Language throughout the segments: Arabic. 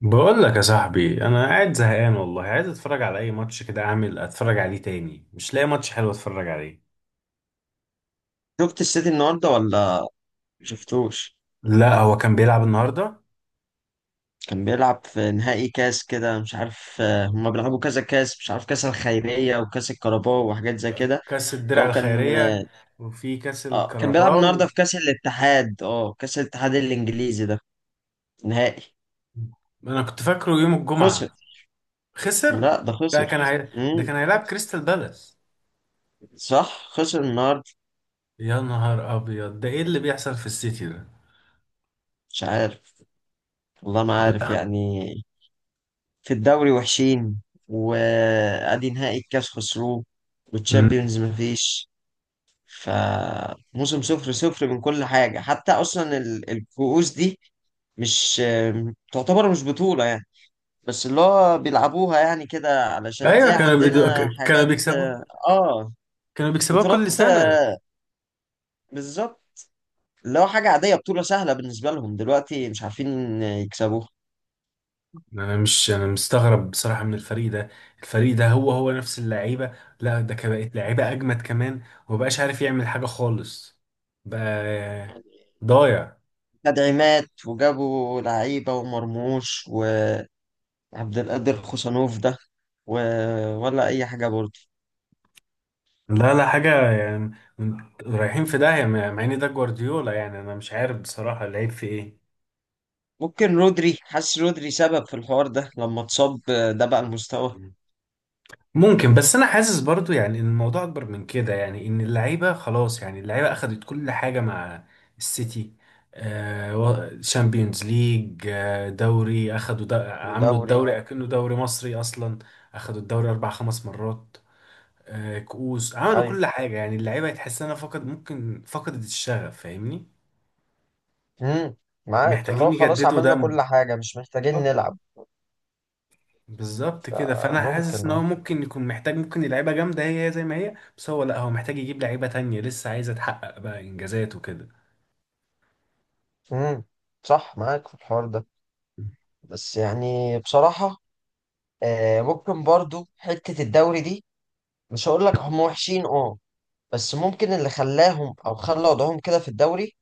بقول لك يا صاحبي، انا قاعد زهقان والله، عايز اتفرج على اي ماتش كده، اعمل اتفرج عليه تاني. مش لاقي ماتش حلو اتفرج عليه. شفت السيتي النهارده؟ ولا شفتوش؟ لا، هو كان بيلعب النهارده كان بيلعب في نهائي كاس كده مش عارف، هما بيلعبوا كذا كاس، مش عارف كاس الخيرية وكاس الكاراباو وحاجات زي كده. كاس الدرع فهو كان، الخيريه، وفي كاس كان بيلعب الكاراباو. النهارده في كاس الاتحاد، كاس الاتحاد الانجليزي ده. نهائي. انا كنت فاكره يوم خسر. الجمعه. خسر. لا ده خسر. ده امم كان هيلعب كريستال بالاس. صح، خسر النهارده. يا نهار ابيض، ده ايه اللي بيحصل في السيتي ده؟ مش عارف، والله ما عارف يعني. في الدوري وحشين، وادي نهائي الكاس خسروه، مم. والتشامبيونز مفيش. فموسم صفر صفر من كل حاجة. حتى أصلا الكؤوس دي مش تعتبر مش بطولة يعني، بس اللي هو بيلعبوها يعني كده علشان زي ايوه، عندنا كانوا حاجات. بيكسبوا، اه كانوا بيكسبوها كل بطولات. سنه. بالظبط. اللي هو حاجة عادية، بطولة سهلة بالنسبة لهم، دلوقتي مش عارفين يكسبوها. انا مش انا مستغرب بصراحه من الفريق ده. الفريق ده هو هو نفس اللعيبه، لا ده كان بقت لعيبه اجمد كمان، ومبقاش عارف يعمل حاجه خالص. بقى ضايع. تدعيمات وجابوا لعيبة، ومرموش، وعبد القادر خوسانوف ده و... ولا أي حاجة برضه. لا لا حاجه يعني. رايحين في داهيه، مع ان ده جوارديولا. يعني انا مش عارف بصراحه، لعيب في ايه؟ ممكن رودري، حاسس رودري سبب في الحوار ده لما اتصاب، ده بقى المستوى. ممكن. بس انا حاسس برضو يعني ان الموضوع اكبر من كده، يعني ان اللعيبه خلاص، يعني اللعيبه اخدت كل حاجه مع السيتي. شامبيونز ليج، دوري، عملوا ودوري. الدوري اكنه مم. دوري مصري اصلا. اخدوا الدوري اربع خمس مرات. آه، كؤوس، عملوا ايوه. كل حاجه. يعني اللعيبه تحس انها فقد، ممكن فقدت الشغف، فاهمني. مم. معاك، اللي هو محتاجين خلاص يجددوا عملنا دم، كل حاجة، مش محتاجين نلعب. بالظبط كده. فانا حاسس فممكن ان هو ممكن يكون محتاج، ممكن اللعيبه جامده هي هي زي ما هي، بس هو لا، هو محتاج يجيب لعيبه تانية لسه عايزه تحقق بقى انجازات وكده. مم. صح، معاك في الحوار ده. بس يعني بصراحة، ممكن برضو حتة الدوري دي، مش هقول لك هم وحشين بس ممكن اللي خلاهم او خلى وضعهم كده في الدوري،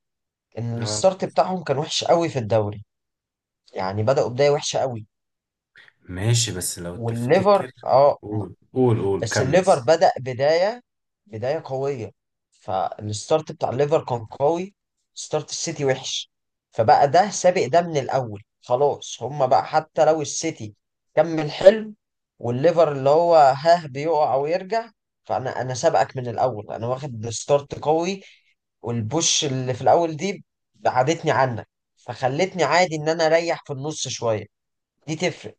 ان اه، الستارت بتاعهم كان وحش قوي في الدوري. يعني بدأوا بداية وحشة قوي. ماشي بس لو والليفر تفتكر، قول قول قول بس كمل. الليفر بدأ بداية قوية. فالستارت بتاع الليفر كان قوي، ستارت السيتي وحش. فبقى ده سابق ده من الأول. خلاص، هما بقى حتى لو السيتي كمل حلو، والليفر اللي هو هاه بيقع ويرجع، فأنا سابقك من الأول، أنا واخد ستارت قوي. والبوش اللي في الأول دي بعدتني عنك، فخلتني عادي إن أنا أريح في النص شوية. دي تفرق.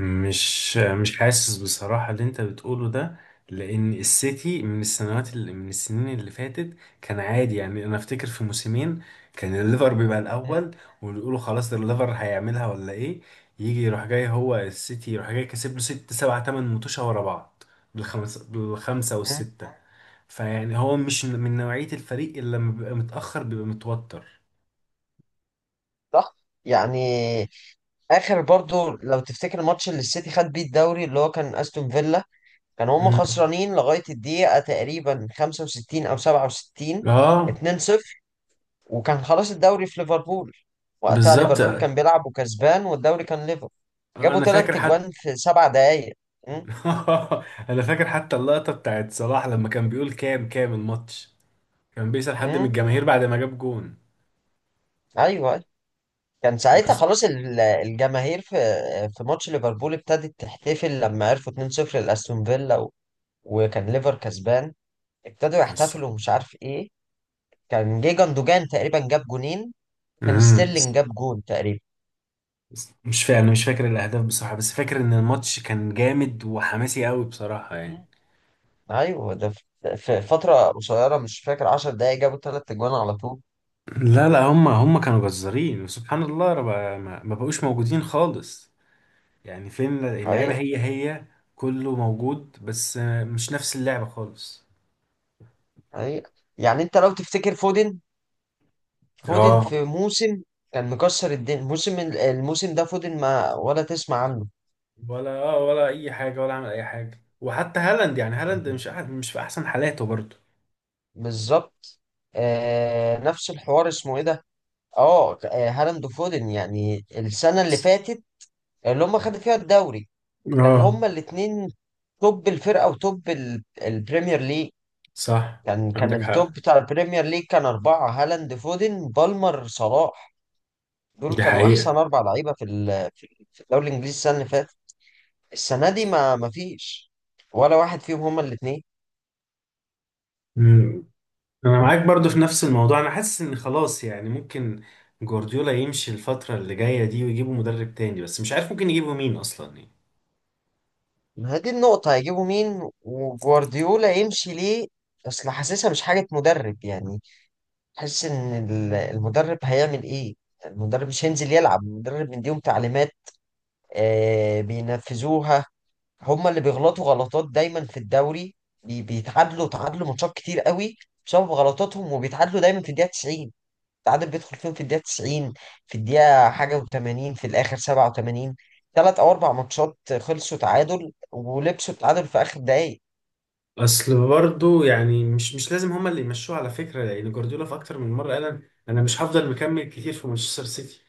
مش حاسس بصراحة اللي انت بتقوله ده، لان السيتي من السنين اللي فاتت كان عادي. يعني انا افتكر في موسمين كان الليفر بيبقى م- الاول، ونقوله خلاص ده الليفر هيعملها ولا ايه، يجي يروح جاي، هو السيتي يروح جاي، كسب له ست سبعة تمن متوشة ورا بعض، بالخمسة، بالخمسة م- والستة. فيعني هو مش من نوعية الفريق اللي لما بيبقى متأخر بيبقى متوتر. صح يعني. اخر برضو لو تفتكر الماتش اللي السيتي خد بيه الدوري، اللي هو كان استون فيلا، كان هم مم. خسرانين لغايه الدقيقه تقريبا 65 او 67، اه، 2-0، وكان خلاص الدوري في ليفربول. وقتها بالظبط. ليفربول كان بيلعب وكسبان والدوري كان ليفر. جابوا انا ثلاث فاكر. تجوان في سبع دقائق. امم انا فاكر حتى اللقطة بتاعت صلاح لما كان بيقول كام الماتش، كان بيسأل حد من امم الجماهير بعد ما جاب جون. ايوه. كان ساعتها بس. خلاص الجماهير في في ماتش ليفربول ابتدت تحتفل لما عرفوا 2-0 لاستون فيلا وكان ليفر كسبان، ابتدوا بس. يحتفلوا ومش عارف ايه. كان جه جندوجان تقريبا جاب جونين، كان مم. ستيرلينج جاب جون تقريبا. مش فاكر، انا مش فاكر الاهداف بصراحة، بس فاكر ان الماتش كان جامد وحماسي قوي بصراحة يعني. مم. ايوه، ده في فتره قصيره مش فاكر 10 دقايق جابوا ثلاث اجوان على طول. لا لا، هم كانوا جزارين، وسبحان الله، رب-، ما بقوش موجودين خالص. يعني فين اللعيبة؟ حقيقه هي هي كله موجود، بس مش نفس اللعبة خالص. حقيقه. يعني انت لو تفتكر فودن، فودن اه، في موسم كان مكسر الدنيا. الموسم ده فودن ما ولا تسمع عنه. ولا اه، ولا اي حاجه، ولا عمل اي حاجه. وحتى هالاند، يعني هالاند مش، مش في احسن حالاته برضه. بالظبط. آه نفس الحوار، اسمه ايه ده، هالاند وفودن يعني السنه اللي فاتت اللي هم خدوا فيها الدوري، كان اه. هما الاتنين توب الفرقة وتوب البريمير ليج. صح. كان عندك كان حق. التوب بتاع البريمير ليج كان أربعة: هالاند، فودن، بالمر، صلاح. دول دي كانوا أحسن حقيقة. أربع لعيبة في في الدوري الإنجليزي السنة اللي فاتت. السنة دي ما فيش ولا واحد فيهم، هما الاتنين. مم. أنا معاك برضو في نفس الموضوع، أنا حاسس إن خلاص يعني ممكن جوارديولا يمشي الفترة اللي جاية دي، ويجيبوا مدرب تاني. بس مش عارف ممكن يجيبوا مين أصلا يعني. ما هي دي النقطة، هيجيبوا مين؟ وجوارديولا يمشي ليه؟ أصل حاسسها مش حاجة مدرب يعني. حاسس إن المدرب هيعمل إيه؟ المدرب مش هينزل يلعب، المدرب مديهم تعليمات، بينفذوها. هما اللي بيغلطوا غلطات دايما في الدوري. بيتعادلوا، تعادلوا ماتشات كتير قوي بسبب غلطاتهم، وبيتعادلوا دايما في الدقيقة 90. التعادل بيدخل فيهم في الدقيقة 90، في الدقيقة حاجة و80، في الآخر 87. ثلاث أو أربع ماتشات خلصوا تعادل ولبسوا التعادل في آخر دقايق. أصل برضو يعني، مش لازم هما اللي يمشوه على فكرة، لأن جوارديولا في أكتر من مرة قال، أنا مش هفضل مكمل كتير في مانشستر سيتي.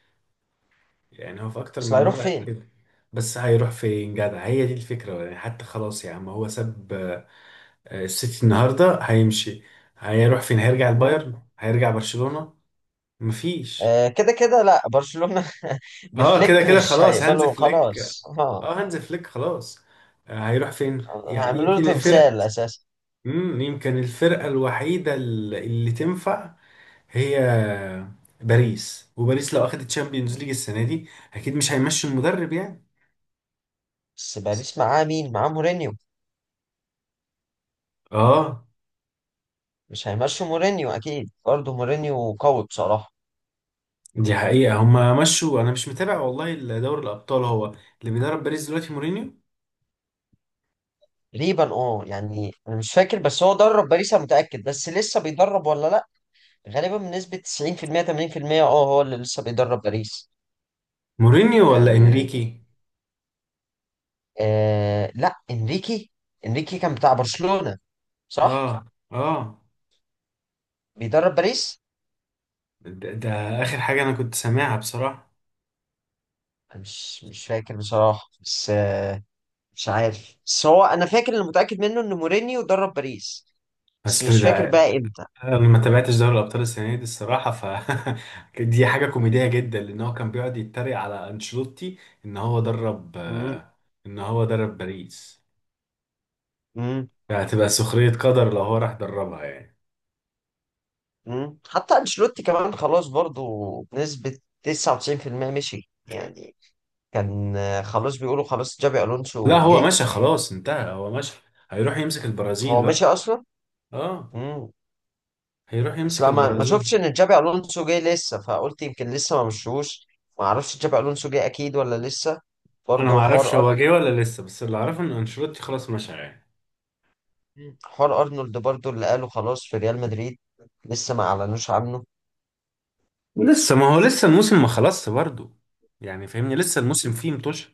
يعني هو في اكتر بس من هيروح مره قال فين؟ كده. بس هيروح فين جدع؟ هي دي الفكره يعني. حتى خلاص يا عم هو ساب، آه، السيتي النهارده هيمشي. هيروح فين؟ هيرجع مم. البايرن؟ هيرجع برشلونه؟ مفيش. آه كده كده، لا برشلونة اه كده بفليك كده مش خلاص، هانز هيقبلوا فليك. خلاص اه، هانز فليك، خلاص. آه، هيروح فين يعني؟ هيعملوا له يمكن الفرقه، تمثال أساسا. امم، يمكن الفرقه الوحيده اللي تنفع هي باريس. وباريس لو اخدت تشامبيونز ليج السنه دي، اكيد مش هيمشي المدرب يعني. بس باريس معاه مين؟ معاه مورينيو، اه. مش هيمشوا مورينيو اكيد برضه، مورينيو قوي بصراحه. دي حقيقة. هما مشوا؟ أنا مش متابع والله دوري الأبطال. هو اللي بيدرب باريس دلوقتي مورينيو؟ تقريبا يعني انا مش فاكر، بس هو درب باريس انا متاكد، بس لسه بيدرب ولا لا؟ غالبا بنسبه 90% 80%، هو اللي لسه بيدرب باريس مورينيو ولا يعني. إنريكي؟ آه لا، انريكي. انريكي كان بتاع برشلونه، صح. آه. آه. بيدرب باريس. ده آخر حاجة أنا كنت سامعها بصراحة. أنا مش فاكر بصراحه، بس مش عارف، بس هو فاكر اللي متاكد منه ان مورينيو درب باريس، بس أصل مش فاكر ده، بقى امتى. أنا ما تابعتش دوري الأبطال السنة دي الصراحة، ف دي حاجة كوميدية جدا، لأن هو كان بيقعد يتريق على أنشيلوتي إن هو درب، مم. آه، إن هو درب باريس. مم. فهتبقى سخرية قدر لو هو راح دربها يعني. مم. حتى انشيلوتي كمان خلاص برضو بنسبة 99% مشي يعني. كان، خلاص بيقولوا خلاص جابي لا الونسو هو جه. مشى خلاص، انتهى، هو مشى. هيروح يمسك البرازيل هو مشي بقى. اصلا. آه. امم هيروح بس يمسك لا ما البرازيل. شفتش ان جابي الونسو جه لسه، فقلت يمكن لسه ما مشوش، ما اعرفش جابي الونسو جه اكيد ولا لسه. انا ما برضو اعرفش حوار هو ارنولد، جه ولا لسه، بس اللي اعرفه ان انشيلوتي خلاص مشى يعني. حوار ارنولد برضو اللي قالوا خلاص في ريال مدريد لسه ما اعلنوش عنه. لسه ما هو لسه الموسم ما خلصش برضه، يعني فاهمني، لسه الموسم فيه متوش.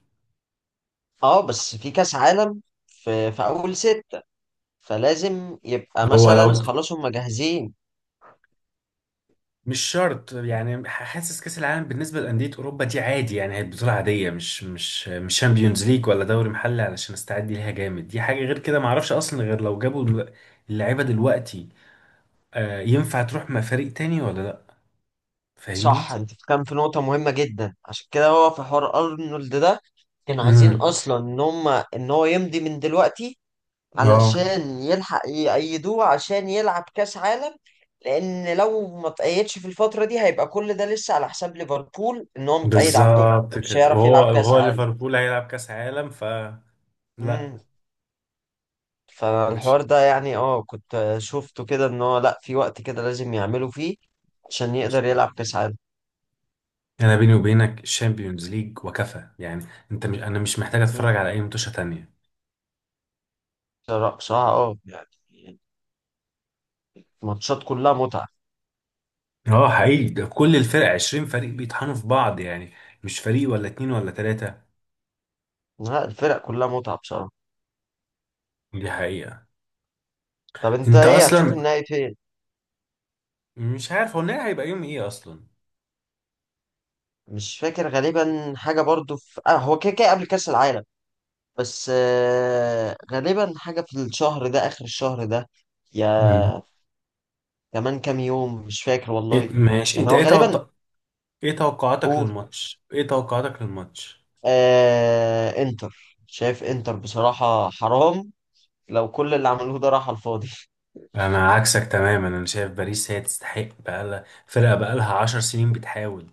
اه بس في كاس عالم، في في اول ستة، فلازم يبقى هو لو، مثلا خلاص هم جاهزين. مش شرط يعني. حاسس كاس العالم بالنسبه لانديه اوروبا دي عادي، يعني هي بطوله عاديه، مش شامبيونز ليج ولا دوري محلي علشان استعد ليها جامد. دي حاجه، غير كده ما اعرفش اصلا، غير لو جابوا، اللعيبه دلوقتي، آه، ينفع تروح مع فريق تاني ولا لا، فاهمني. صح، انت كان في نقطة مهمة جدا. عشان كده هو في حوار ارنولد ده، كانوا عايزين امم. اصلا ان هم ان هو يمضي من دلوقتي اه. علشان يلحق يأيدوه عشان يلعب كاس عالم، لان لو ما تأيدش في الفترة دي هيبقى كل ده لسه على حساب ليفربول ان هو متأيد عندهم. بالظبط مش كده، هيعرف وهو يلعب كاس وهو عالم. ليفربول هيلعب كاس عالم، ف امم لا. فالحوار مش. ده يعني كنت شفته كده ان هو لا، في وقت كده لازم يعملوا فيه عشان يقدر يلعب كاس عالم. انا بيني وبينك الشامبيونز ليج وكفى يعني. انت مش انا مش محتاج اتفرج امم على اي متوشه تانية. بصراحة يعني ماتشات كلها متعة. اه حقيقي، ده كل الفرق، 20 فريق بيطحنوا في بعض يعني، مش فريق ولا اتنين ولا تلاتة. لا، الفرق كلها متعة بصراحة. دي حقيقة. طب انت انت ايه؟ هتشوف اصلا، النهائي فين؟ مش عارف هو النهائي هيبقى يوم ايه اصلا. مش فاكر، غالبا حاجة برضو في، هو كده كده قبل كأس العالم، بس غالبا حاجة في الشهر ده، آخر الشهر ده، مم. يا كمان كام يوم، مش فاكر إيه والله. ماشي، يعني هو غالبا. قول. ايه توقعاتك للماتش؟ آه، انتر. شايف انتر بصراحة، حرام لو كل اللي عملوه ده راح على الفاضي. انا عكسك تماما، انا شايف باريس هي تستحق، بقالها فرقه بقالها 10 سنين بتحاول،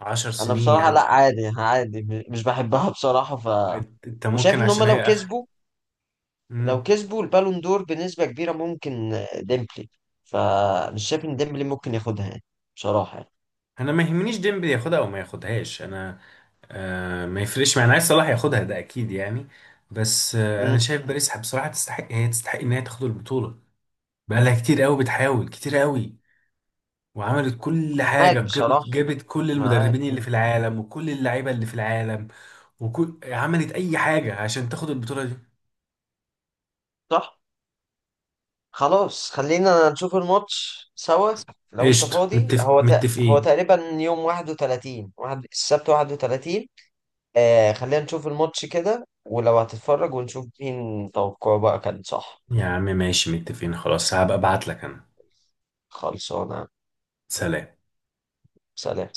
عشر انا سنين يا بصراحة لا، عم. عادي عادي، مش بحبها بصراحة ف أنت وشايف ممكن ان هم عشان هي لو اخر. كسبوا لو مم. كسبوا البالون دور بنسبة كبيرة ممكن، ديمبلي. فمش شايف ان ديمبلي ممكن ياخدها يعني، بصراحة يعني. انا ما يهمنيش ديمبلي ياخدها او ما ياخدهاش. انا آه، ما يفرقش معايا، انا عايز صلاح ياخدها، ده اكيد يعني. بس آه، انا مم. شايف باريس بصراحه تستحق، هي تستحق ان هي تاخد البطوله، بقالها كتير قوي بتحاول كتير قوي، وعملت كل حاجه، معاك جابت بصراحة، جابت كل معاك. المدربين اللي في مم. العالم، وكل اللعيبه اللي في العالم، وكل، عملت اي حاجه عشان تاخد البطوله دي. صح. خلاص خلينا نشوف الماتش سوا لو انت قشطة، فاضي. هو هو متفقين. تقريبا يوم 31 واحد، السبت 31. آه، خلينا نشوف الماتش كده ولو هتتفرج، ونشوف مين توقعه بقى كان صح. يا عم ماشي، متفقين خلاص. هبقى ابعت لك انا. خلصانة. سلام. سلام.